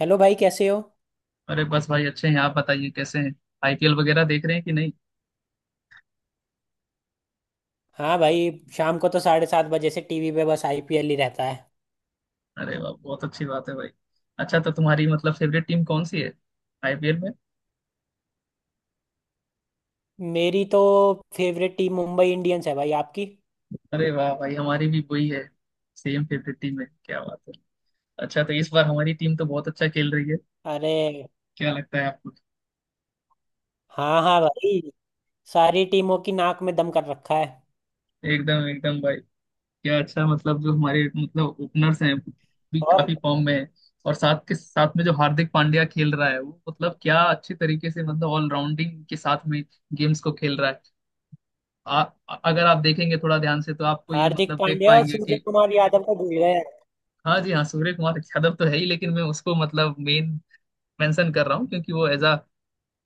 Hello भाई, कैसे हो। अरे, बस भाई अच्छे हैं। आप बताइए कैसे हैं। आईपीएल वगैरह देख रहे हैं कि नहीं। हाँ भाई। शाम को तो 7:30 बजे से टीवी पे बस आईपीएल ही रहता है। अरे वाह, बहुत अच्छी बात है भाई। अच्छा तो तुम्हारी मतलब फेवरेट टीम कौन सी है आईपीएल में? मेरी तो फेवरेट टीम मुंबई इंडियंस है भाई, आपकी? अरे वाह भाई, हमारी भी वही है। सेम फेवरेट टीम है, क्या बात है। अच्छा तो इस बार हमारी टीम तो बहुत अच्छा खेल रही है, अरे। क्या लगता है आपको? हाँ हाँ भाई। सारी टीमों की नाक में दम कर रखा है। एकदम एकदम भाई। क्या अच्छा, मतलब जो हमारे मतलब ओपनर्स हैं भी और। काफी फॉर्म में है। और साथ के साथ में जो हार्दिक पांड्या खेल रहा है वो मतलब क्या अच्छे तरीके से मतलब ऑलराउंडिंग के साथ में गेम्स को खेल रहा है। आ, अगर आप देखेंगे थोड़ा ध्यान से तो आपको ये हार्दिक मतलब देख पांड्या और पाएंगे सूर्य कि। कुमार यादव को भूल गए। हाँ जी हाँ सूर्य कुमार यादव तो है ही लेकिन मैं उसको मतलब मेन मेंशन कर रहा हूँ क्योंकि वो एज अ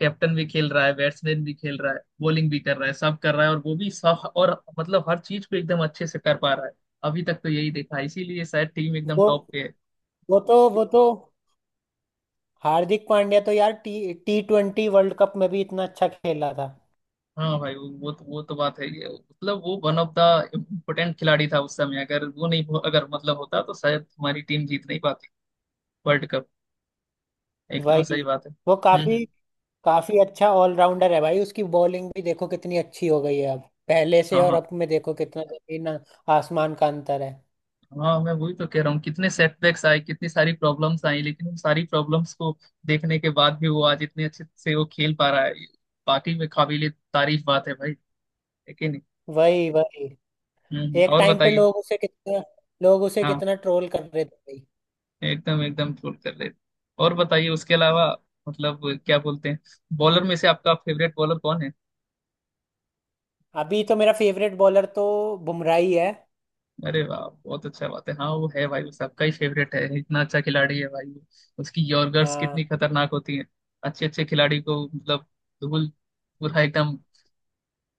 कैप्टन भी खेल रहा है, बैट्समैन भी खेल रहा है, बॉलिंग भी कर रहा है, सब कर रहा है। और वो भी सब और मतलब हर चीज को एकदम अच्छे से कर पा रहा है। अभी तक तो यही देखा है, इसीलिए शायद टीम एकदम वो टॉप पे है। वो तो हार्दिक पांड्या तो यार T T twenty world cup में भी इतना अच्छा खेला था। हाँ भाई वो तो वो तो बात है। ये मतलब वो वन ऑफ द इम्पोर्टेंट खिलाड़ी था उस समय, अगर वो नहीं हो- अगर मतलब होता तो शायद हमारी टीम जीत नहीं पाती वर्ल्ड कप। एकदम सही भाई, बात है। वो हम्म। काफी काफी अच्छा ऑलराउंडर है भाई। उसकी बॉलिंग भी देखो कितनी अच्छी हो गई है अब। पहले से हाँ और हाँ। अब में देखो कितना जमीन आसमान का अंतर है। हाँ मैं वही तो कह रहा हूँ, कितने सेटबैक्स आए, कितनी सारी प्रॉब्लम्स आई। लेकिन उन सारी प्रॉब्लम्स को देखने के बाद भी वो आज इतने अच्छे से वो खेल पा रहा है। बाकी में काबिले तारीफ बात है भाई, है कि नहीं। वही वही। हम्म। एक और टाइम पे बताइए। लोग उसे कितना लोग उसे हाँ, कितना ट्रोल कर रहे थे भाई। एकदम एकदम फुल कर ले। और बताइए उसके अलावा मतलब क्या बोलते हैं, बॉलर में से आपका फेवरेट बॉलर कौन है? अभी तो मेरा फेवरेट बॉलर तो बुमराह ही है। अरे वाह, बहुत अच्छा बात है। हाँ वो है भाई, वो सबका ही फेवरेट है, इतना अच्छा खिलाड़ी है भाई वो। उसकी यॉर्कर्स हाँ। कितनी खतरनाक होती है। अच्छे अच्छे खिलाड़ी को मतलब धूल, पूरा एकदम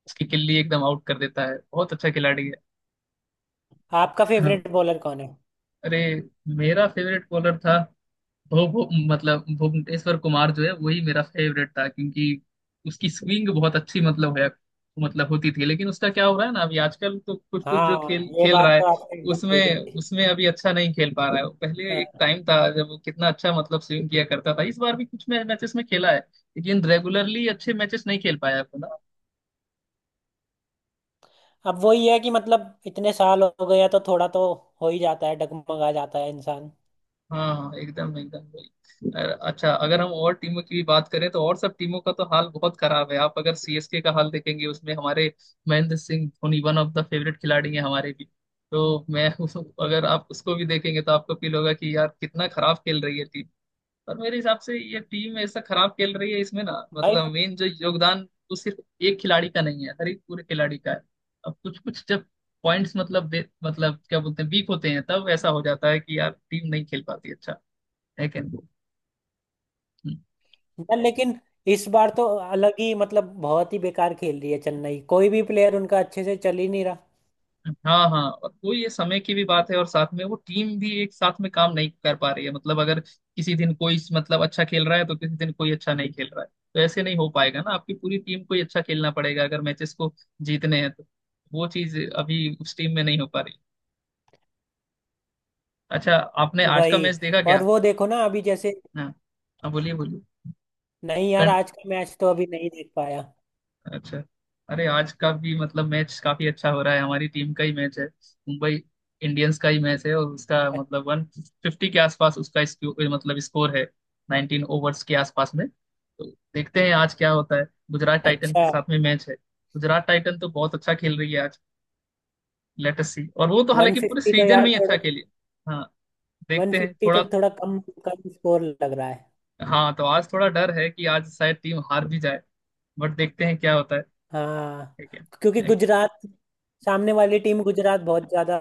उसकी किल्ली एकदम आउट कर देता है। बहुत अच्छा खिलाड़ी है। आपका हाँ। फेवरेट बॉलर कौन है? अरे, मेरा फेवरेट बॉलर था। भुव भुव- मतलब भुवनेश्वर कुमार जो है वही मेरा फेवरेट था क्योंकि उसकी स्विंग बहुत अच्छी मतलब है, मतलब होती थी। लेकिन उसका क्या हो रहा है ना, अभी आजकल तो कुछ कुछ जो हाँ, खेल ये खेल बात रहा तो है। आपने एकदम सही उसमें बोली। उसमें अभी अच्छा नहीं खेल पा रहा है। पहले हाँ। एक टाइम था जब वो कितना अच्छा मतलब स्विंग किया करता था। इस बार भी कुछ मैचेस में खेला है, लेकिन रेगुलरली अच्छे मैचेस नहीं खेल पाया है। अब वही है कि मतलब इतने साल हो गए हैं तो थोड़ा तो हो ही जाता है, डगमगा जाता है इंसान। हाँ हाँ एकदम एकदम वही। अच्छा अगर हम और टीमों की भी बात करें तो और सब टीमों का तो हाल बहुत खराब है। आप अगर सीएसके का हाल देखेंगे उसमें हमारे Mahendra Singh Dhoni one of the favourite खिलाड़ी हैं हमारे भी। तो मैं अगर आप उसको भी देखेंगे तो आपको फील होगा कि यार कितना खराब खेल रही है टीम। पर मेरे हिसाब से ये टीम ऐसा खराब खेल रही है, इसमें ना भाई। मतलब मेन जो योगदान वो सिर्फ एक खिलाड़ी का नहीं है, हर एक पूरे खिलाड़ी का है। अब कुछ कुछ जब पॉइंट्स मतलब मतलब क्या बोलते हैं वीक होते हैं तब ऐसा हो जाता है कि यार टीम नहीं खेल पाती अच्छा, है कि नहीं? हम्म, यार लेकिन इस बार तो अलग ही मतलब बहुत ही बेकार खेल रही है चेन्नई, कोई भी प्लेयर उनका अच्छे से चल ही नहीं रहा। हाँ हाँ और वो ये समय की भी बात है, और साथ में वो टीम भी एक साथ में काम नहीं कर पा रही है। मतलब अगर किसी दिन कोई मतलब अच्छा खेल रहा है तो किसी दिन कोई अच्छा नहीं खेल रहा है। तो ऐसे नहीं हो पाएगा ना, आपकी पूरी टीम को ही अच्छा खेलना पड़ेगा अगर मैचेस को जीतने हैं तो। वो चीज अभी उस टीम में नहीं हो पा रही। अच्छा, आपने आज का मैच वही। देखा क्या? और वो देखो ना अभी जैसे। हाँ हाँ, बोलिए बोलिए। नहीं यार, आज का मैच तो अभी नहीं देख पाया। अच्छा। अरे, आज का भी मतलब मैच काफी अच्छा हो रहा है, हमारी टीम का ही मैच है। मुंबई इंडियंस का ही मैच है, और उसका अ- मतलब 150 के आसपास उसका मतलब स्कोर है। 19 ओवर्स के आसपास में तो देखते हैं आज क्या होता है। गुजरात टाइटन के अच्छा। साथ में मैच है। गुजरात टाइटन तो बहुत अच्छा खेल रही है आज, लेटेस्ट सी। और वो तो वन हालांकि पूरे फिफ्टी तो सीजन यार में ही अच्छा थोड़ा। खेली है। हाँ वन देखते हैं फिफ्टी तो थोड़ा। थोड़ा कम कम स्कोर लग रहा है। हाँ, तो आज थोड़ा डर है कि आज शायद टीम हार भी जाए, बट देखते हैं क्या होता है। हाँ। ठीक है। क्योंकि गुजरात सामने वाली टीम गुजरात बहुत ज्यादा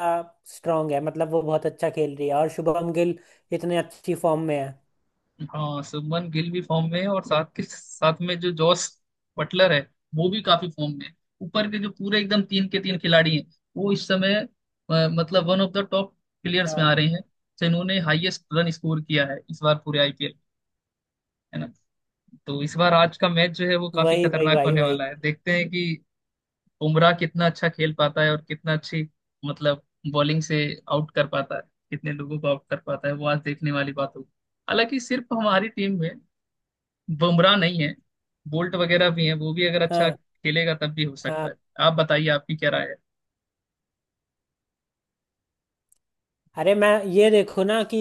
स्ट्रांग है, मतलब वो बहुत अच्छा खेल रही है, और शुभम गिल इतने अच्छी फॉर्म में है। हाँ शुभमन गिल भी फॉर्म में है, और साथ के साथ में जो जॉस बटलर है वो भी काफी फॉर्म में है। ऊपर के जो पूरे एकदम तीन के तीन खिलाड़ी हैं वो इस समय मतलब one of the top players में हाँ आ रहे हैं। तो इन्होंने हाईएस्ट रन स्कोर किया है इस बार पूरे आईपीएल, है ना। तो इस बार आज का मैच जो है वो काफी वही वही खतरनाक भाई होने वही। वाला है। देखते हैं कि बुमराह कितना अच्छा खेल पाता है और कितना अच्छी मतलब बॉलिंग से आउट कर पाता है, कितने लोगों को आउट कर पाता है। वो आज देखने वाली बात होगी। हालांकि सिर्फ हमारी टीम में बुमराह नहीं है, बोल्ट वगैरह भी है, वो भी अगर अच्छा हाँ खेलेगा तब भी हो सकता हाँ। है। आप बताइए आपकी क्या राय है? अरे मैं ये देखो ना कि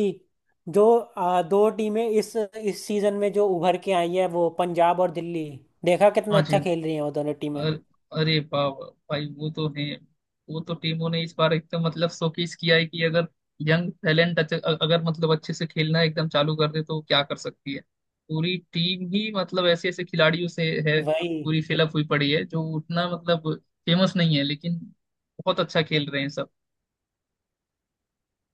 जो 2 टीमें इस सीजन में जो उभर के आई है वो पंजाब और दिल्ली, देखा कितना हाँ जी अच्छा हाँ। खेल रही हैं वो दोनों टीमें। अर- अरे वाह वाह, भाई वो तो है। वो तो टीमों ने इस बार एकदम मतलब शोकेस किया है कि अगर यंग टैलेंट अगर मतलब अच्छे से खेलना एकदम चालू कर दे तो वो क्या कर सकती है। पूरी टीम ही मतलब ऐसे ऐसे खिलाड़ियों से है, वही पूरी फिलअप हुई पड़ी है जो उतना मतलब फेमस नहीं है लेकिन बहुत अच्छा खेल रहे हैं सब।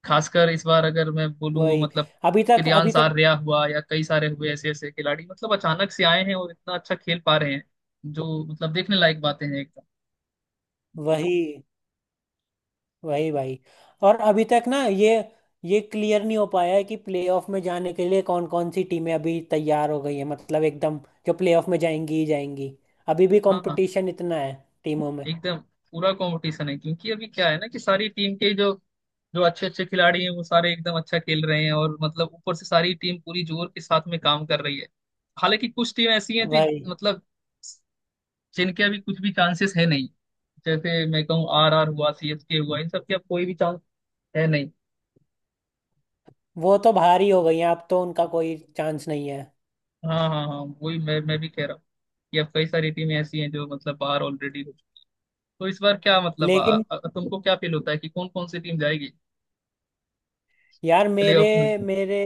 खासकर इस बार अगर मैं बोलूँ वही। मतलब अभी तक अभी प्रियांश तक आर्या हुआ या कई सारे हुए ऐसे ऐसे खिलाड़ी मतलब अचानक से आए हैं और इतना अच्छा खेल पा रहे हैं, जो मतलब देखने लायक बातें हैं एकदम। वही वही भाई। और अभी तक ना ये क्लियर नहीं हो पाया है कि प्लेऑफ में जाने के लिए कौन कौन सी टीमें अभी तैयार हो गई है, मतलब एकदम जो प्लेऑफ में जाएंगी ही जाएंगी। अभी भी हाँ हाँ कंपटीशन इतना है टीमों में। एकदम, पूरा कंपटीशन है क्योंकि अभी क्या है ना कि सारी टीम के जो जो अच्छे अच्छे खिलाड़ी हैं वो सारे एकदम अच्छा खेल रहे हैं, और मतलब ऊपर से सारी टीम पूरी जोर के साथ में काम कर रही है। हालांकि कुछ टीम ऐसी हैं जो भाई। मतलब जिनके अभी कुछ भी चांसेस है नहीं। जैसे मैं कहूँ आर आर हुआ सी एस के हुआ, इन सब के अब कोई भी चांस है नहीं। वो तो भारी हो गई है, अब तो उनका कोई चांस नहीं है। हाँ हाँ हाँ वही मैं भी कह रहा हूँ कि अब कई सारी टीमें ऐसी हैं जो मतलब बाहर ऑलरेडी हो चुकी। तो इस बार क्या मतलब आ, लेकिन आ, तुमको क्या फील होता है कि कौन कौन सी टीम जाएगी यार, मेरे प्लेऑफ में? मेरे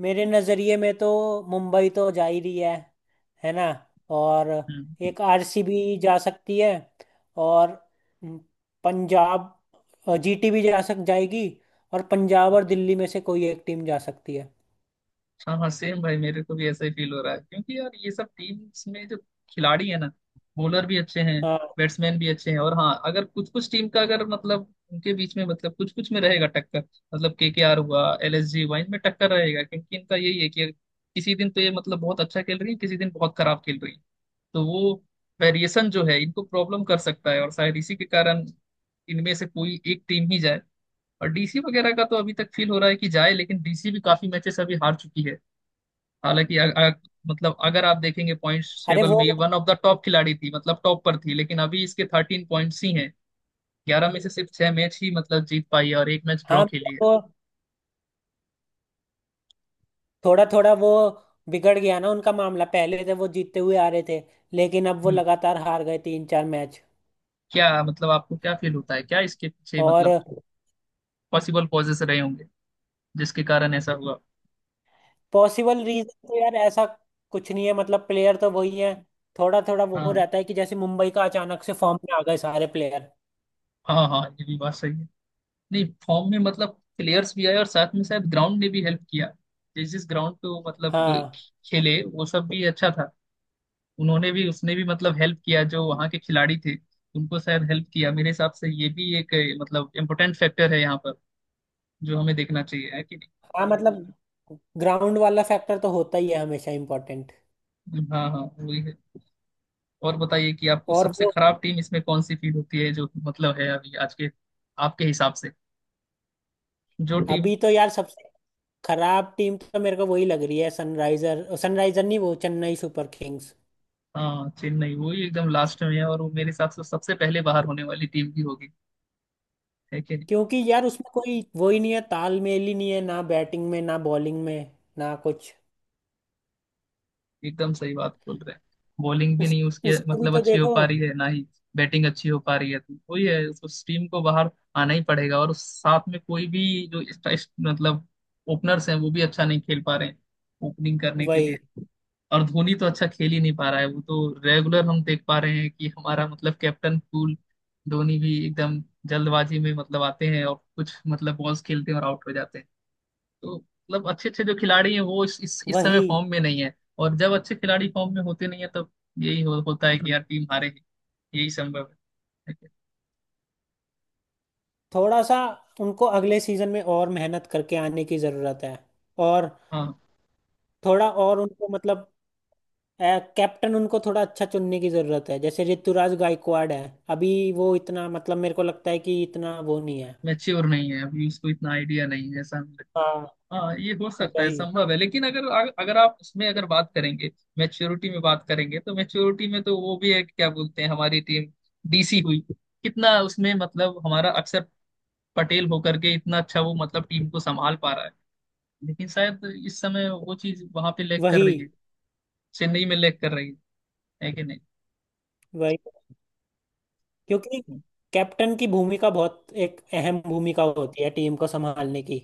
मेरे नज़रिए में तो मुंबई तो जा ही रही है ना। और हम्म। एक आरसीबी जा सकती है और पंजाब जीटी भी जा सक जाएगी। और पंजाब और अच्छा। दिल्ली में से कोई एक टीम जा सकती है। हाँ सेम भाई मेरे को भी ऐसा ही फील हो रहा है क्योंकि यार ये सब टीम्स में जो खिलाड़ी है ना, बॉलर भी अच्छे हैं, हाँ। बैट्समैन भी अच्छे हैं। और हाँ अगर कुछ कुछ टीम का अगर मतलब उनके बीच में मतलब कुछ कुछ में रहेगा टक्कर, मतलब केकेआर हुआ एलएसजी हुआ इनमें टक्कर रहेगा क्योंकि इनका यही है कि किसी दिन तो ये मतलब बहुत अच्छा खेल रही है, किसी दिन बहुत खराब खेल रही है। तो वो वेरिएशन जो है इनको प्रॉब्लम कर सकता है और शायद इसी के कारण इनमें से कोई एक टीम ही जाए। और डीसी वगैरह का तो अभी तक फील हो रहा है कि जाए, लेकिन डीसी भी काफी मैचेस अभी हार चुकी है। हालांकि मतलब अगर आप देखेंगे पॉइंट्स अरे टेबल वो, में, ये वन ऑफ द टॉप खिलाड़ी थी मतलब टॉप पर थी, लेकिन अभी इसके 13 पॉइंट्स ही हैं। 11 में से सिर्फ छह मैच ही मतलब जीत पाई है और एक मैच ड्रॉ हाँ खेली मतलब है। वो थोड़ा थोड़ा वो बिगड़ गया ना उनका मामला। पहले थे वो जीतते हुए आ रहे थे लेकिन अब वो हम्म, लगातार हार गए 3-4 मैच। क्या मतलब आपको क्या फील होता है क्या इसके पीछे और मतलब पॉसिबल कॉजेस रहे होंगे जिसके कारण ऐसा हुआ? पॉसिबल रीजन तो यार ऐसा कुछ नहीं है, मतलब प्लेयर तो वही है। थोड़ा थोड़ा वो हाँ रहता है कि जैसे मुंबई का अचानक से फॉर्म में आ गए सारे प्लेयर। हाँ हाँ, ये भी बात सही है। नहीं फॉर्म में मतलब प्लेयर्स भी आए और साथ में शायद ग्राउंड ने भी हेल्प किया, जिस जिस ग्राउंड पे वो मतलब हाँ खेले वो सब भी अच्छा था। उन्होंने भी उसने भी मतलब हेल्प किया जो वहाँ के खिलाड़ी थे, उनको शायद हेल्प किया। मेरे हिसाब से ये भी एक मतलब इम्पोर्टेंट फैक्टर है यहाँ पर जो हमें देखना चाहिए है कि हाँ, मतलब ग्राउंड वाला फैक्टर तो होता ही है हमेशा इम्पोर्टेंट। नहीं। हाँ हाँ वही है। और बताइए कि आपको और सबसे वो। खराब टीम इसमें कौन सी फील होती है जो मतलब है अभी आज के आपके हिसाब से जो टीम। अभी तो यार सबसे खराब टीम तो मेरे को वही लग रही है, सनराइजर, सनराइजर नहीं, वो चेन्नई सुपर किंग्स। हाँ चेन्नई वही एकदम लास्ट में है, और वो मेरे हिसाब से सबसे पहले बाहर होने वाली टीम भी होगी, है कि नहीं। क्योंकि यार उसमें कोई वो ही नहीं है, तालमेल ही नहीं है ना, बैटिंग में, ना बॉलिंग में, ना कुछ। एकदम सही बात बोल रहे हैं। बॉलिंग भी उस नहीं उसकी उसको भी मतलब तो अच्छी हो देखो। पा रही है, ना ही बैटिंग अच्छी हो पा रही है। तो वही है, उस टीम को बाहर आना ही पड़ेगा। और साथ में कोई भी जो मतलब ओपनर्स हैं वो भी अच्छा नहीं खेल पा रहे हैं ओपनिंग करने के वही लिए। और धोनी तो अच्छा खेल ही नहीं पा रहा है, वो तो रेगुलर हम देख पा रहे हैं कि हमारा मतलब कैप्टन कूल धोनी भी एकदम जल्दबाजी में मतलब आते हैं और कुछ मतलब बॉल्स खेलते हैं और आउट हो जाते हैं। तो मतलब अच्छे अच्छे जो खिलाड़ी हैं वो इस समय वही। फॉर्म में नहीं है। और जब अच्छे खिलाड़ी फॉर्म में होते नहीं है तब यही होता है कि यार टीम हारेगी, यही संभव है। थोड़ा सा उनको अगले सीजन में और मेहनत करके आने की जरूरत है। और हाँ थोड़ा और उनको मतलब कैप्टन उनको थोड़ा अच्छा चुनने की जरूरत है। जैसे ऋतुराज गायकवाड़ है, अभी वो इतना मतलब मेरे को लगता है कि इतना वो नहीं है। मैच्योर नहीं है, अभी उसको इतना आइडिया नहीं है, ऐसा हमें लगता हाँ है। हाँ ये हो सकता है, वही संभव है लेकिन अगर अगर आप उसमें अगर बात करेंगे, मैच्योरिटी में बात करेंगे तो मैच्योरिटी में तो वो भी है कि क्या बोलते हैं, हमारी टीम डीसी हुई, कितना उसमें मतलब हमारा अक्षर पटेल होकर के इतना अच्छा वो मतलब टीम को संभाल पा रहा है। लेकिन शायद इस समय वो चीज वहां पे लैग कर वही रही है, चेन्नई में लैग कर रही है कि नहीं। वही। क्योंकि कैप्टन की भूमिका बहुत एक अहम भूमिका होती है टीम को संभालने की।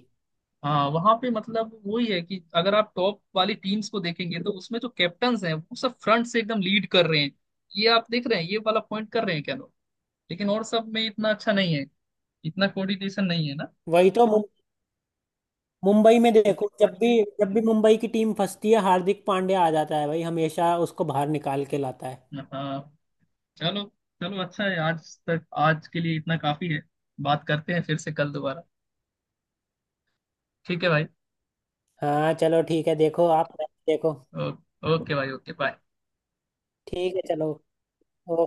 हाँ वहां पे मतलब वही है कि अगर आप टॉप वाली टीम्स को देखेंगे तो उसमें जो कैप्टन्स हैं वो सब फ्रंट से एकदम लीड कर रहे हैं, ये आप देख रहे हैं ये वाला पॉइंट कर रहे हैं क्या लोग। लेकिन और सब में इतना अच्छा नहीं है, इतना कोऑर्डिनेशन नहीं है ना। वही तो मुंबई में देखो, जब भी मुंबई की टीम फंसती है हार्दिक पांड्या आ जाता है भाई, हमेशा उसको बाहर निकाल के लाता है। हाँ चलो चलो, अच्छा है आज तक आज के लिए इतना काफी है। बात करते हैं फिर से कल दोबारा, ठीक है भाई। हाँ चलो ठीक है, देखो आप। देखो। ओ, ओके भाई, ओके बाय। ठीक है चलो। ओ-